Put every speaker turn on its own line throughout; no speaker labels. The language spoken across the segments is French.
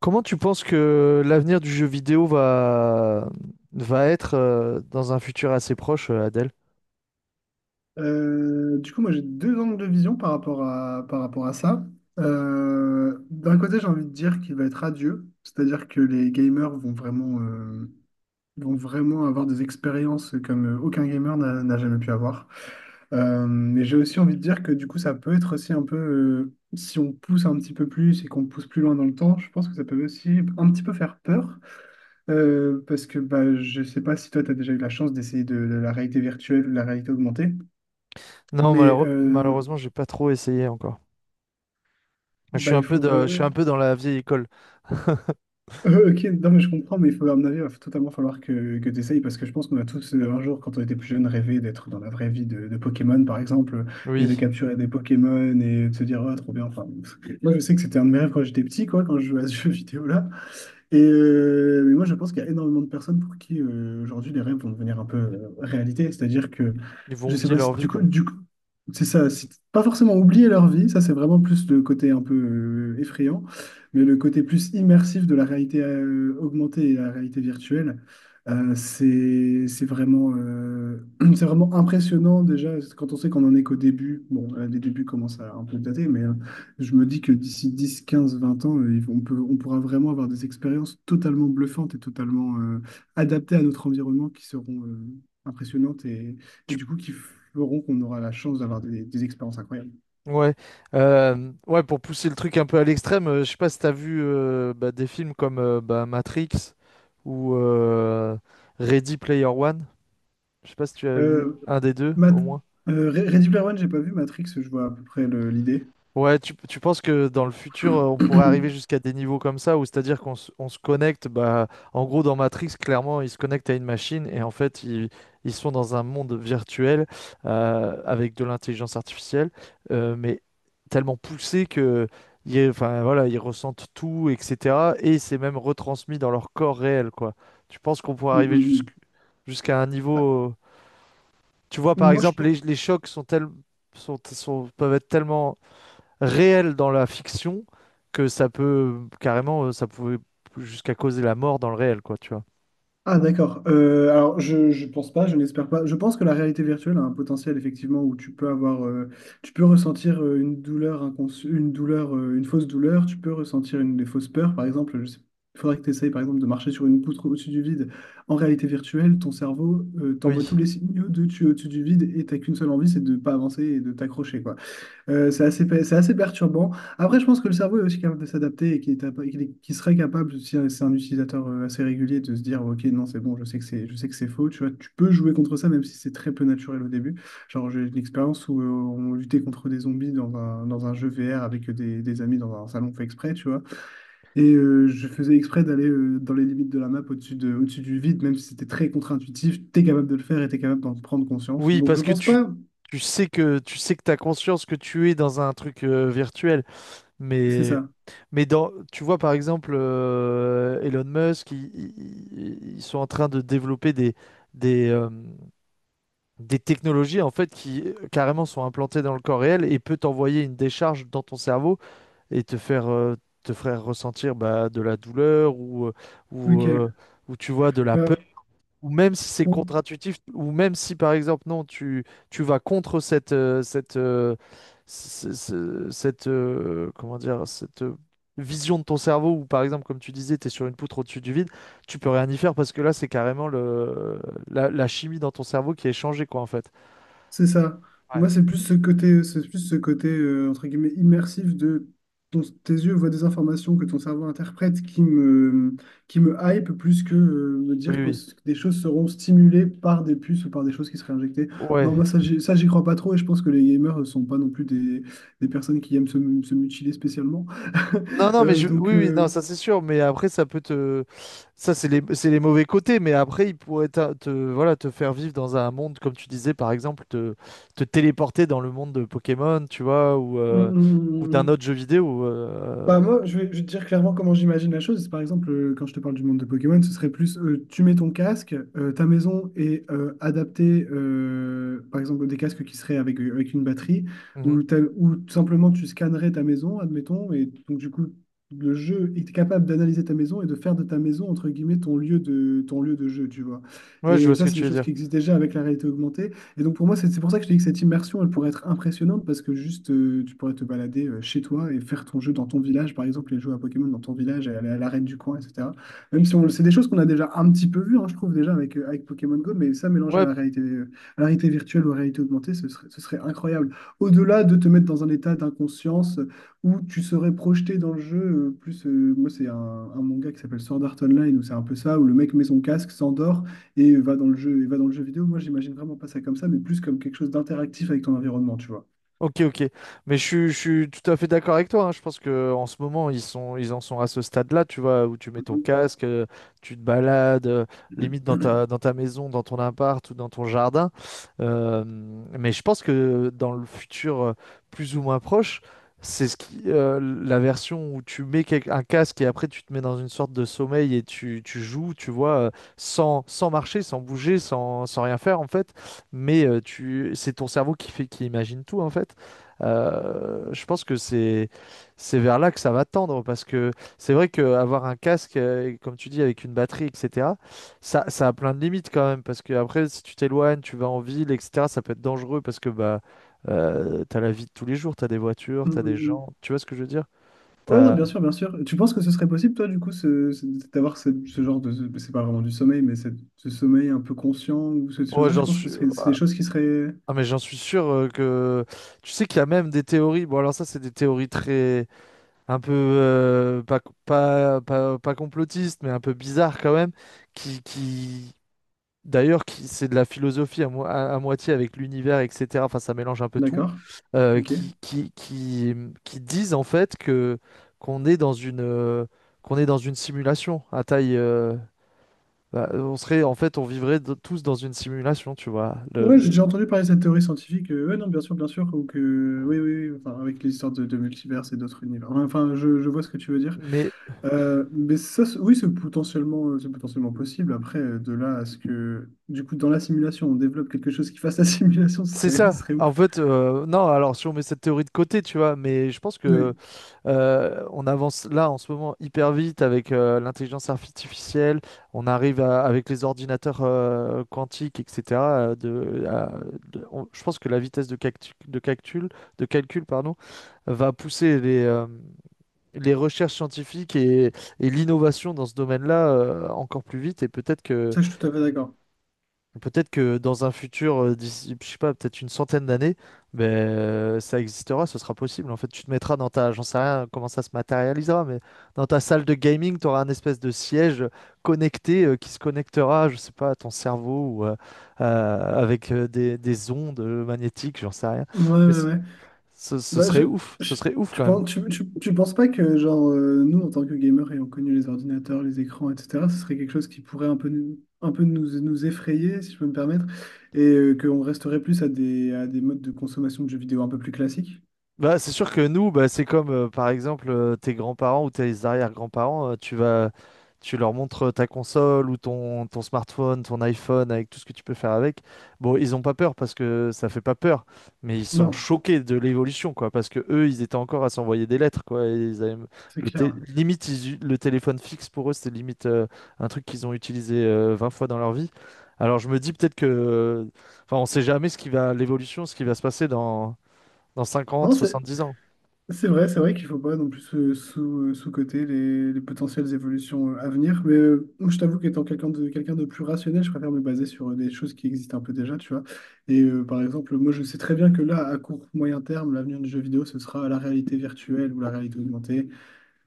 Comment tu penses que l'avenir du jeu vidéo va être dans un futur assez proche, Adèle?
Du coup, moi, j'ai deux angles de vision par rapport à ça. D'un côté, j'ai envie de dire qu'il va être radieux, c'est-à-dire que les gamers vont vraiment avoir des expériences comme aucun gamer n'a jamais pu avoir. Mais j'ai aussi envie de dire que du coup, ça peut être aussi si on pousse un petit peu plus et qu'on pousse plus loin dans le temps, je pense que ça peut aussi un petit peu faire peur. Parce que bah, je sais pas si toi, tu as déjà eu la chance d'essayer de la réalité virtuelle ou de la réalité augmentée.
Non,
Mais euh,
malheureusement, j'ai pas trop essayé encore. Je suis
Bah,
un
il
peu
faut
je suis
vraiment.
un peu dans la vieille école.
Ok, non, mais je comprends, mais il faut, à mon avis, il va totalement falloir que tu essayes parce que je pense qu'on a tous, un jour, quand on était plus jeune, rêvé d'être dans la vraie vie de Pokémon, par exemple, et de
Oui,
capturer des Pokémon et de se dire, oh, trop bien. Enfin, bon. Moi, je sais que c'était un de mes rêves quand j'étais petit, quoi, quand je jouais à ce jeu vidéo-là. Et mais moi, je pense qu'il y a énormément de personnes pour qui aujourd'hui les rêves vont devenir un peu réalité. C'est-à-dire que,
ils vont
je sais
oublier
pas si
leur vie,
du coup,
quoi.
du coup, c'est ça, c'est pas forcément oublier leur vie, ça c'est vraiment plus le côté un peu effrayant, mais le côté plus immersif de la réalité augmentée et la réalité virtuelle, euh, c'est c'est vraiment, euh, c'est vraiment impressionnant déjà quand on sait qu'on en est qu'au début. Bon, les débuts commencent à un peu dater, mais. Je me dis que d'ici 10, 15, 20 ans, ils vont- on peut, on pourra vraiment avoir des expériences totalement bluffantes et totalement adaptées à notre environnement qui seront impressionnantes et
Tu-
du coup qui feront qu'on aura la chance d'avoir des expériences incroyables.
Ouais, ouais, pour pousser le truc un peu à l'extrême, je sais pas si t'as vu bah, des films comme bah, Matrix ou Ready Player One. Je sais pas si tu as vu
Euh,
un des deux,
Mat-
au moins.
Ready Player One, j'ai pas vu Matrix, je vois à peu près l'idée.
Ouais, tu penses que dans le futur, on pourrait arriver jusqu'à des niveaux comme ça, où c'est-à-dire qu'on se connecte. Bah, en gros, dans Matrix, clairement, ils se connectent à une machine et en fait, ils sont dans un monde virtuel avec de l'intelligence artificielle, mais tellement poussé que, enfin, voilà, ils ressentent tout, etc. Et c'est même retransmis dans leur corps réel, quoi. Tu penses qu'on pourrait arriver jusqu'-
Hum.
jusqu'à un
Ah.
niveau? Tu vois, par
Moi, je,
exemple,
pe-
les chocs sont tels- sont, sont- peuvent être tellement réel dans la fiction que ça peut carrément, ça pouvait jusqu'à causer la mort dans le réel, quoi, tu vois.
Ah, d'accord. Alors je pense pas, je n'espère pas. Je pense que la réalité virtuelle a un potentiel effectivement où tu peux tu peux ressentir une fausse douleur. Tu peux ressentir une des fausses peurs, par exemple. Il faudrait que tu essayes par exemple de marcher sur une poutre au-dessus du vide. En réalité virtuelle, ton cerveau t'envoie
Oui,
tous les signaux de tu es au-dessus du vide et t'as qu'une seule envie, c'est de pas avancer et de t'accrocher quoi. C'est assez perturbant. Après, je pense que le cerveau est aussi capable de s'adapter et qu'il est apa- qu'il est- qu'il serait capable, si c'est un utilisateur assez régulier, de se dire, OK, non, c'est bon, je sais que c'est faux. Tu vois, tu peux jouer contre ça, même si c'est très peu naturel au début. Genre, j'ai une expérience où on luttait contre des zombies dans un jeu VR avec des amis dans un salon fait exprès, tu vois. Et je faisais exprès d'aller dans les limites de la map au-dessus du vide, même si c'était très contre-intuitif. T'es capable de le faire et t'es capable d'en prendre conscience.
oui,
Donc, je
parce que
pense pas.
tu sais que t'as conscience que tu es dans un truc virtuel,
C'est
mais
ça.
mais dans, tu vois par exemple Elon Musk, ils sont en train de développer des des euh, des technologies en fait qui carrément sont implantées dans le corps réel et peut t'envoyer une décharge dans ton cerveau et te faire ressentir bah, de la douleur ou,
OK.
euh, ou tu vois de la peur.
Bah,
Ou même si c'est
bon.
contre-intuitif, ou même si par exemple, non, tu vas contre cette, comment dire, cette vision de ton cerveau, ou par exemple, comme tu disais, tu es sur une poutre au-dessus du vide, tu peux rien y faire parce que là, c'est carrément la, la chimie dans ton cerveau qui est changée, quoi, en fait.
C'est ça.
Ouais.
Moi, c'est plus ce côté entre guillemets immersif de tes yeux voient des informations que ton cerveau interprète qui me hype plus que me
Oui,
dire que
oui.
des choses seront stimulées par des puces ou par des choses qui seraient injectées.
Ouais.
Non, moi, ça, ça, j'y crois pas trop et je pense que les gamers ne sont pas non plus des personnes qui aiment se mutiler spécialement.
Non, non, mais
Euh, donc,
oui, oui, non,
euh,
ça c'est sûr. Mais après, ça c'est c'est les mauvais côtés. Mais après, il pourrait voilà, te faire vivre dans un monde, comme tu disais, par exemple, te téléporter dans le monde de Pokémon, tu vois,
mm, mm,
ou
mm, mm,
d'un autre
mm.
jeu vidéo.
Bah moi, je vais te dire clairement comment j'imagine la chose. Par exemple, quand je te parle du monde de Pokémon, ce serait plus tu mets ton casque, ta maison est adaptée, par exemple, des casques qui seraient avec une batterie,
Mhm.
ou, ou tout simplement tu scannerais ta maison, admettons, et donc du coup, le jeu est capable d'analyser ta maison et de faire de ta maison, entre guillemets, ton lieu de jeu, tu vois.
Ouais,
Et
je vois ce
ça,
que
c'est des
tu veux
choses
dire.
qui existent déjà avec la réalité augmentée. Et donc pour moi, c'est pour ça que je te dis que cette immersion, elle pourrait être impressionnante parce que tu pourrais te balader chez toi et faire ton jeu dans ton village, par exemple, et jouer à Pokémon dans ton village, et aller à l'arène du coin, etc. Même si on, c'est des choses qu'on a déjà un petit peu vues, hein, je trouve, déjà avec Pokémon Go, mais ça mélangé à
Ouais,
la à la réalité virtuelle ou à la réalité augmentée, ce serait incroyable. Au-delà de te mettre dans un état d'inconscience où tu serais projeté dans le jeu, plus, moi, c'est un manga qui s'appelle Sword Art Online, où c'est un peu ça, où le mec met son casque, s'endort et va dans le jeu vidéo. Moi, j'imagine vraiment pas ça comme ça, mais plus comme quelque chose d'interactif avec ton environnement, tu vois.
ok, ok. Mais je suis tout à fait d'accord avec toi, hein. Je pense que en ce moment, ils en sont à ce stade-là, tu vois, où tu mets ton
Mhm.
casque, tu te balades, limite dans dans ta maison, dans ton appart ou dans ton jardin. Euh, mais je pense que dans le futur plus ou moins proche, c'est ce la version où tu mets un casque et après tu te mets dans une sorte de sommeil et tu joues, tu vois, sans, sans marcher, sans bouger, sans rien faire en fait, mais c'est ton cerveau qui fait, qui imagine tout en fait. Je pense que c'est vers là que ça va tendre parce que c'est vrai qu'avoir un casque, comme tu dis, avec une batterie, etc., ça a plein de limites quand même parce que après, si tu t'éloignes, tu vas en ville, etc., ça peut être dangereux parce que t'as la vie de tous les jours, t'as des voitures, t'as
Mhm,
des
mhm.
gens, tu vois ce que je veux dire?
Ouais, non,
T'as...
bien sûr, bien sûr. Tu penses que ce serait possible, toi, du coup, d'avoir ce genre de. C'est pas vraiment du sommeil, mais ce sommeil un peu conscient ou ces
Oh,
choses-là, je pense que c'est des choses qui seraient.
ah, mais j'en suis sûr. Tu sais qu'il y a même des théories, bon alors ça c'est des théories très un peu pas, pas, pas, pas complotiste, mais un peu bizarre quand même, qui d'ailleurs, c'est de la philosophie à moitié avec l'univers, etc. Enfin, ça mélange un peu tout,
D'accord.
euh,
Ok.
qui, qui, qui, qui disent en fait que qu'on est dans une, euh, qu'on est dans une simulation à taille. Bah, on serait, en fait, on vivrait tous dans une simulation, tu vois,
Ouais, j'ai déjà entendu parler de cette théorie scientifique. Ouais, non, bien sûr, bien sûr. Ou que. Oui, oui, oui, enfin, avec l'histoire de multivers et d'autres univers. Enfin, je vois ce que tu veux dire.
mais
Mais ça, oui, c'est potentiellement possible. Après, de là à ce que, du coup, dans la simulation, on développe quelque chose qui fasse la simulation, ce
c'est
serait,
ça.
ce serait
En
ouf.
fait, non, alors si on met cette théorie de côté, tu vois, mais je pense
Ouais,
que on avance là en ce moment hyper vite avec l'intelligence artificielle, on arrive avec les ordinateurs quantiques, etc. De, à- de- on- Je pense que la vitesse de calcul, pardon, va pousser les recherches scientifiques et l'innovation dans ce domaine-là encore plus vite, et peut-être que
ça, je suis tout à fait d'accord.
peut-être que dans un futur, d'ici, je sais pas, peut-être une centaine d'années, ben, ça existera, ce sera possible. En fait, tu te mettras dans ta, j'en sais rien comment ça se matérialisera, mais dans ta salle de gaming, tu auras un espèce de siège connecté qui se connectera, je sais pas, à ton cerveau ou avec des ondes magnétiques, j'en sais rien.
Ouais,
Mais
ouais,
c-
ouais.
ce,
Bah,
ce
je-
serait ouf
tu
quand même.
penses, tu penses pas que, genre, nous, en tant que gamers, ayant connu les ordinateurs, les écrans, etc., ce serait quelque chose qui pourrait un peu nous, nous effrayer, si je peux me permettre, et qu'on resterait plus à des modes de consommation de jeux vidéo un peu plus classiques?
Bah, c'est sûr que nous, bah, c'est comme par exemple tes grands-parents ou tes arrière-grands-parents, tu leur montres ta console ou ton smartphone, ton iPhone avec tout ce que tu peux faire avec. Bon, ils ont pas peur parce que ça fait pas peur, mais ils sont
Non,
choqués de l'évolution, quoi, parce que eux, ils étaient encore à s'envoyer des lettres, quoi, et ils avaient
c'est clair.
limite, le téléphone fixe pour eux, c'était limite un truc qu'ils ont utilisé 20 fois dans leur vie. Alors je me dis peut-être que, enfin, on sait jamais ce qui va, l'évolution, ce qui va se passer dans dans 50,
Non,
70 ans,
C'est vrai qu'il faut pas non plus sous-coter les potentielles évolutions à venir. Mais je t'avoue qu'étant quelqu'un de plus rationnel, je préfère me baser sur des choses qui existent un peu déjà, tu vois. Et par exemple, moi, je sais très bien que là, à court, moyen terme, l'avenir du jeu vidéo, ce sera la réalité virtuelle ou la réalité augmentée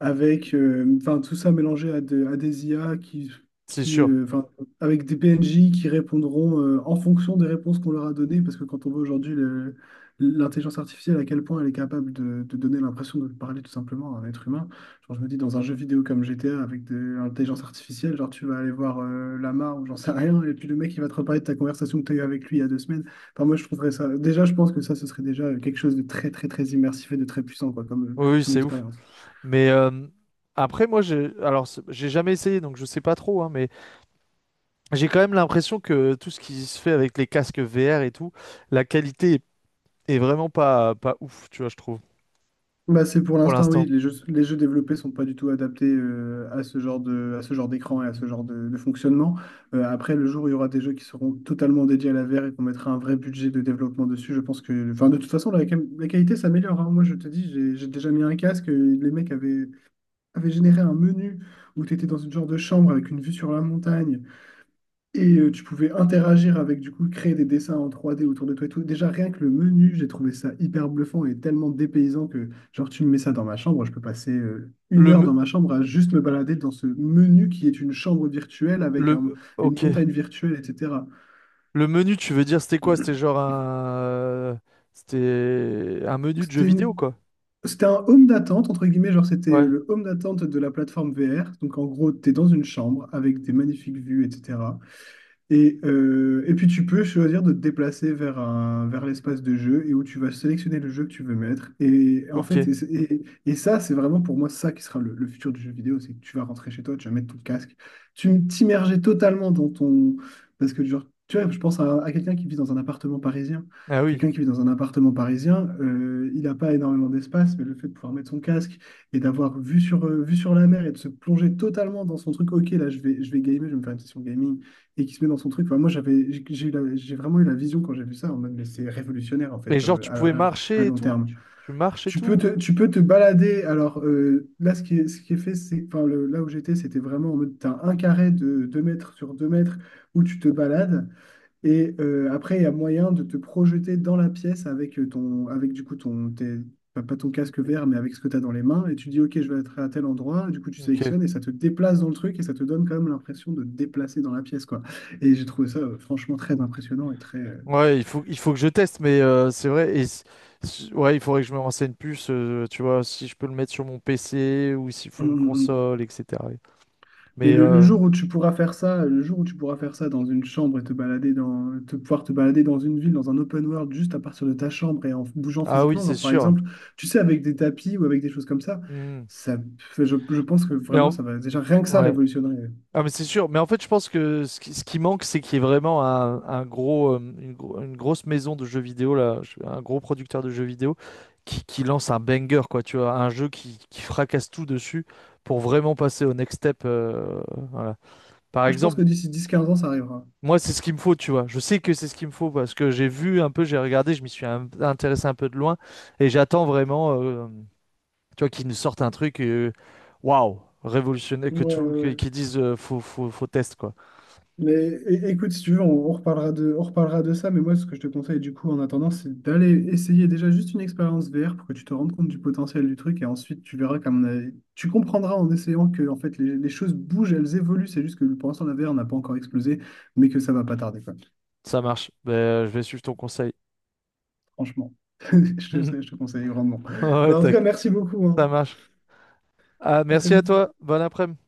avec enfin, tout ça mélangé à des IA qui,
c'est sûr.
enfin, avec des PNJ qui répondront en fonction des réponses qu'on leur a données, parce que quand on voit aujourd'hui l'intelligence artificielle, à quel point elle est capable de donner l'impression de parler tout simplement à un être humain, genre, je me dis dans un jeu vidéo comme GTA avec de l'intelligence artificielle, genre tu vas aller voir Lama ou j'en sais rien, et puis le mec il va te reparler de ta conversation que tu as eue avec lui il y a 2 semaines. Enfin, moi je trouverais ça, déjà je pense que ça ce serait déjà quelque chose de très très très immersif et de très puissant quoi, comme,
Oui, oui,
comme
c'est ouf.
expérience.
Mais après, moi, j'ai, alors, c'est- j'ai jamais essayé, donc je sais pas trop, hein, mais j'ai quand même l'impression que tout ce qui se fait avec les casques VR et tout, la qualité est vraiment pas ouf, tu vois, je trouve,
Bah, c'est pour
pour
l'instant, oui.
l'instant.
Les jeux développés sont pas du tout adaptés à ce genre de, à ce genre d'écran et à ce genre de fonctionnement. Après, le jour où il y aura des jeux qui seront totalement dédiés à la VR et qu'on mettra un vrai budget de développement dessus, je pense que, enfin, de toute façon, la qualité s'améliore, hein. Moi, je te dis, j'ai déjà mis un casque. Et les mecs avaient généré un menu où tu étais dans une genre de chambre avec une vue sur la montagne. Et tu pouvais interagir avec, du coup, créer des dessins en 3D autour de toi et tout. Déjà, rien que le menu, j'ai trouvé ça hyper bluffant et tellement dépaysant que, genre, tu me mets ça dans ma chambre, je peux passer une
Le,
heure
me-
dans ma chambre à juste me balader dans ce menu qui est une chambre virtuelle avec une
ok.
montagne virtuelle, etc.
Le menu, tu veux dire, c'était quoi? C'était c'était un menu
Donc,
de jeu
c'était
vidéo, quoi.
c'était un home d'attente, entre guillemets, genre, c'était
Ouais,
le home d'attente de la plateforme VR. Donc, en gros, tu es dans une chambre avec des magnifiques vues, etc. Et puis tu peux choisir de te déplacer vers vers l'espace de jeu et où tu vas sélectionner le jeu que tu veux mettre. Et en
ok.
fait, et ça, c'est vraiment pour moi ça qui sera le futur du jeu vidéo, c'est que tu vas rentrer chez toi, tu vas mettre ton casque, tu t'immerger totalement dans ton... Parce que genre, tu vois, je pense à quelqu'un qui vit dans un appartement parisien.
Ah oui.
Quelqu'un qui vit dans un appartement parisien, il n'a pas énormément d'espace, mais le fait de pouvoir mettre son casque et d'avoir vue vue sur la mer et de se plonger totalement dans son truc, ok, là, je vais gamer, je vais me faire une session gaming et qui se met dans son truc. Enfin, moi, j'avais, j'ai eu la- j'ai vraiment eu la vision quand j'ai vu ça, en mode, mais c'est révolutionnaire, en fait,
Et
comme
genre, tu pouvais
à
marcher et
long
tout?
terme.
Tu marches et tout?
Tu peux te balader. Alors, là, ce qui est fait, c'est, enfin, là où j'étais, c'était vraiment en mode, t'as un carré de 2 mètres sur 2 mètres où tu te balades. Et après, il y a moyen de te projeter dans la pièce avec avec du coup pas ton casque vert, mais avec ce que tu as dans les mains. Et tu dis, OK, je vais être à tel endroit. Et du coup, tu
Ok.
sélectionnes et ça te déplace dans le truc et ça te donne quand même l'impression de te déplacer dans la pièce, quoi. Et j'ai trouvé ça franchement très impressionnant et très.
Ouais, il faut que je teste, mais c'est vrai. Ouais, il faudrait que je me renseigne plus, tu vois, si je peux le mettre sur mon PC ou s'il faut une
euh,
console, etc.
Mais
Mais
le jour où tu pourras faire ça, le jour où tu pourras faire ça dans une chambre et te balader pouvoir te balader dans une ville, dans un open world, juste à partir de ta chambre et en bougeant
ah oui,
physiquement,
c'est
genre par
sûr.
exemple, tu sais, avec des tapis ou avec des choses comme ça,
Hmm.
ça, je, je pense que
Mais
vraiment,
en-
ça va déjà rien que ça
ouais.
révolutionnerait.
Ah, mais c'est sûr. Mais en fait, je pense que ce qui manque, c'est qu'il y ait vraiment un gros, une grosse maison de jeux vidéo, là, un gros producteur de jeux vidéo qui lance un banger, quoi, tu vois, un jeu qui fracasse tout dessus pour vraiment passer au next step. Voilà. Par
Moi, je pense
exemple,
que d'ici 10, 15 ans, ça arrivera.
moi, c'est ce qu'il me faut, tu vois. Je sais que c'est ce qu'il me faut parce que j'ai vu un peu, j'ai regardé, je m'y suis intéressé un peu de loin et j'attends vraiment, tu vois, qu'ils nous sortent un truc, waouh, révolutionnaire,
Ouais, ouais, ouais.
qu'ils disent, faut, faut test, quoi.
Mais écoute, si tu veux, on reparlera on reparlera de ça, mais moi, ce que je te conseille du coup en attendant, c'est d'aller essayer déjà juste une expérience VR pour que tu te rendes compte du potentiel du truc et ensuite tu verras qu'à tu comprendras en essayant que en fait les choses bougent, elles évoluent, c'est juste que pour l'instant la VR n'a pas encore explosé, mais que ça va pas tarder quoi.
Ça marche. Ben, je vais suivre ton conseil.
Franchement, je je te conseille grandement.
Ouais,
Bah, en tout
tac.
cas, merci beaucoup, hein.
Ça marche. Ah,
À très
merci à
vite.
toi. Bon après-midi.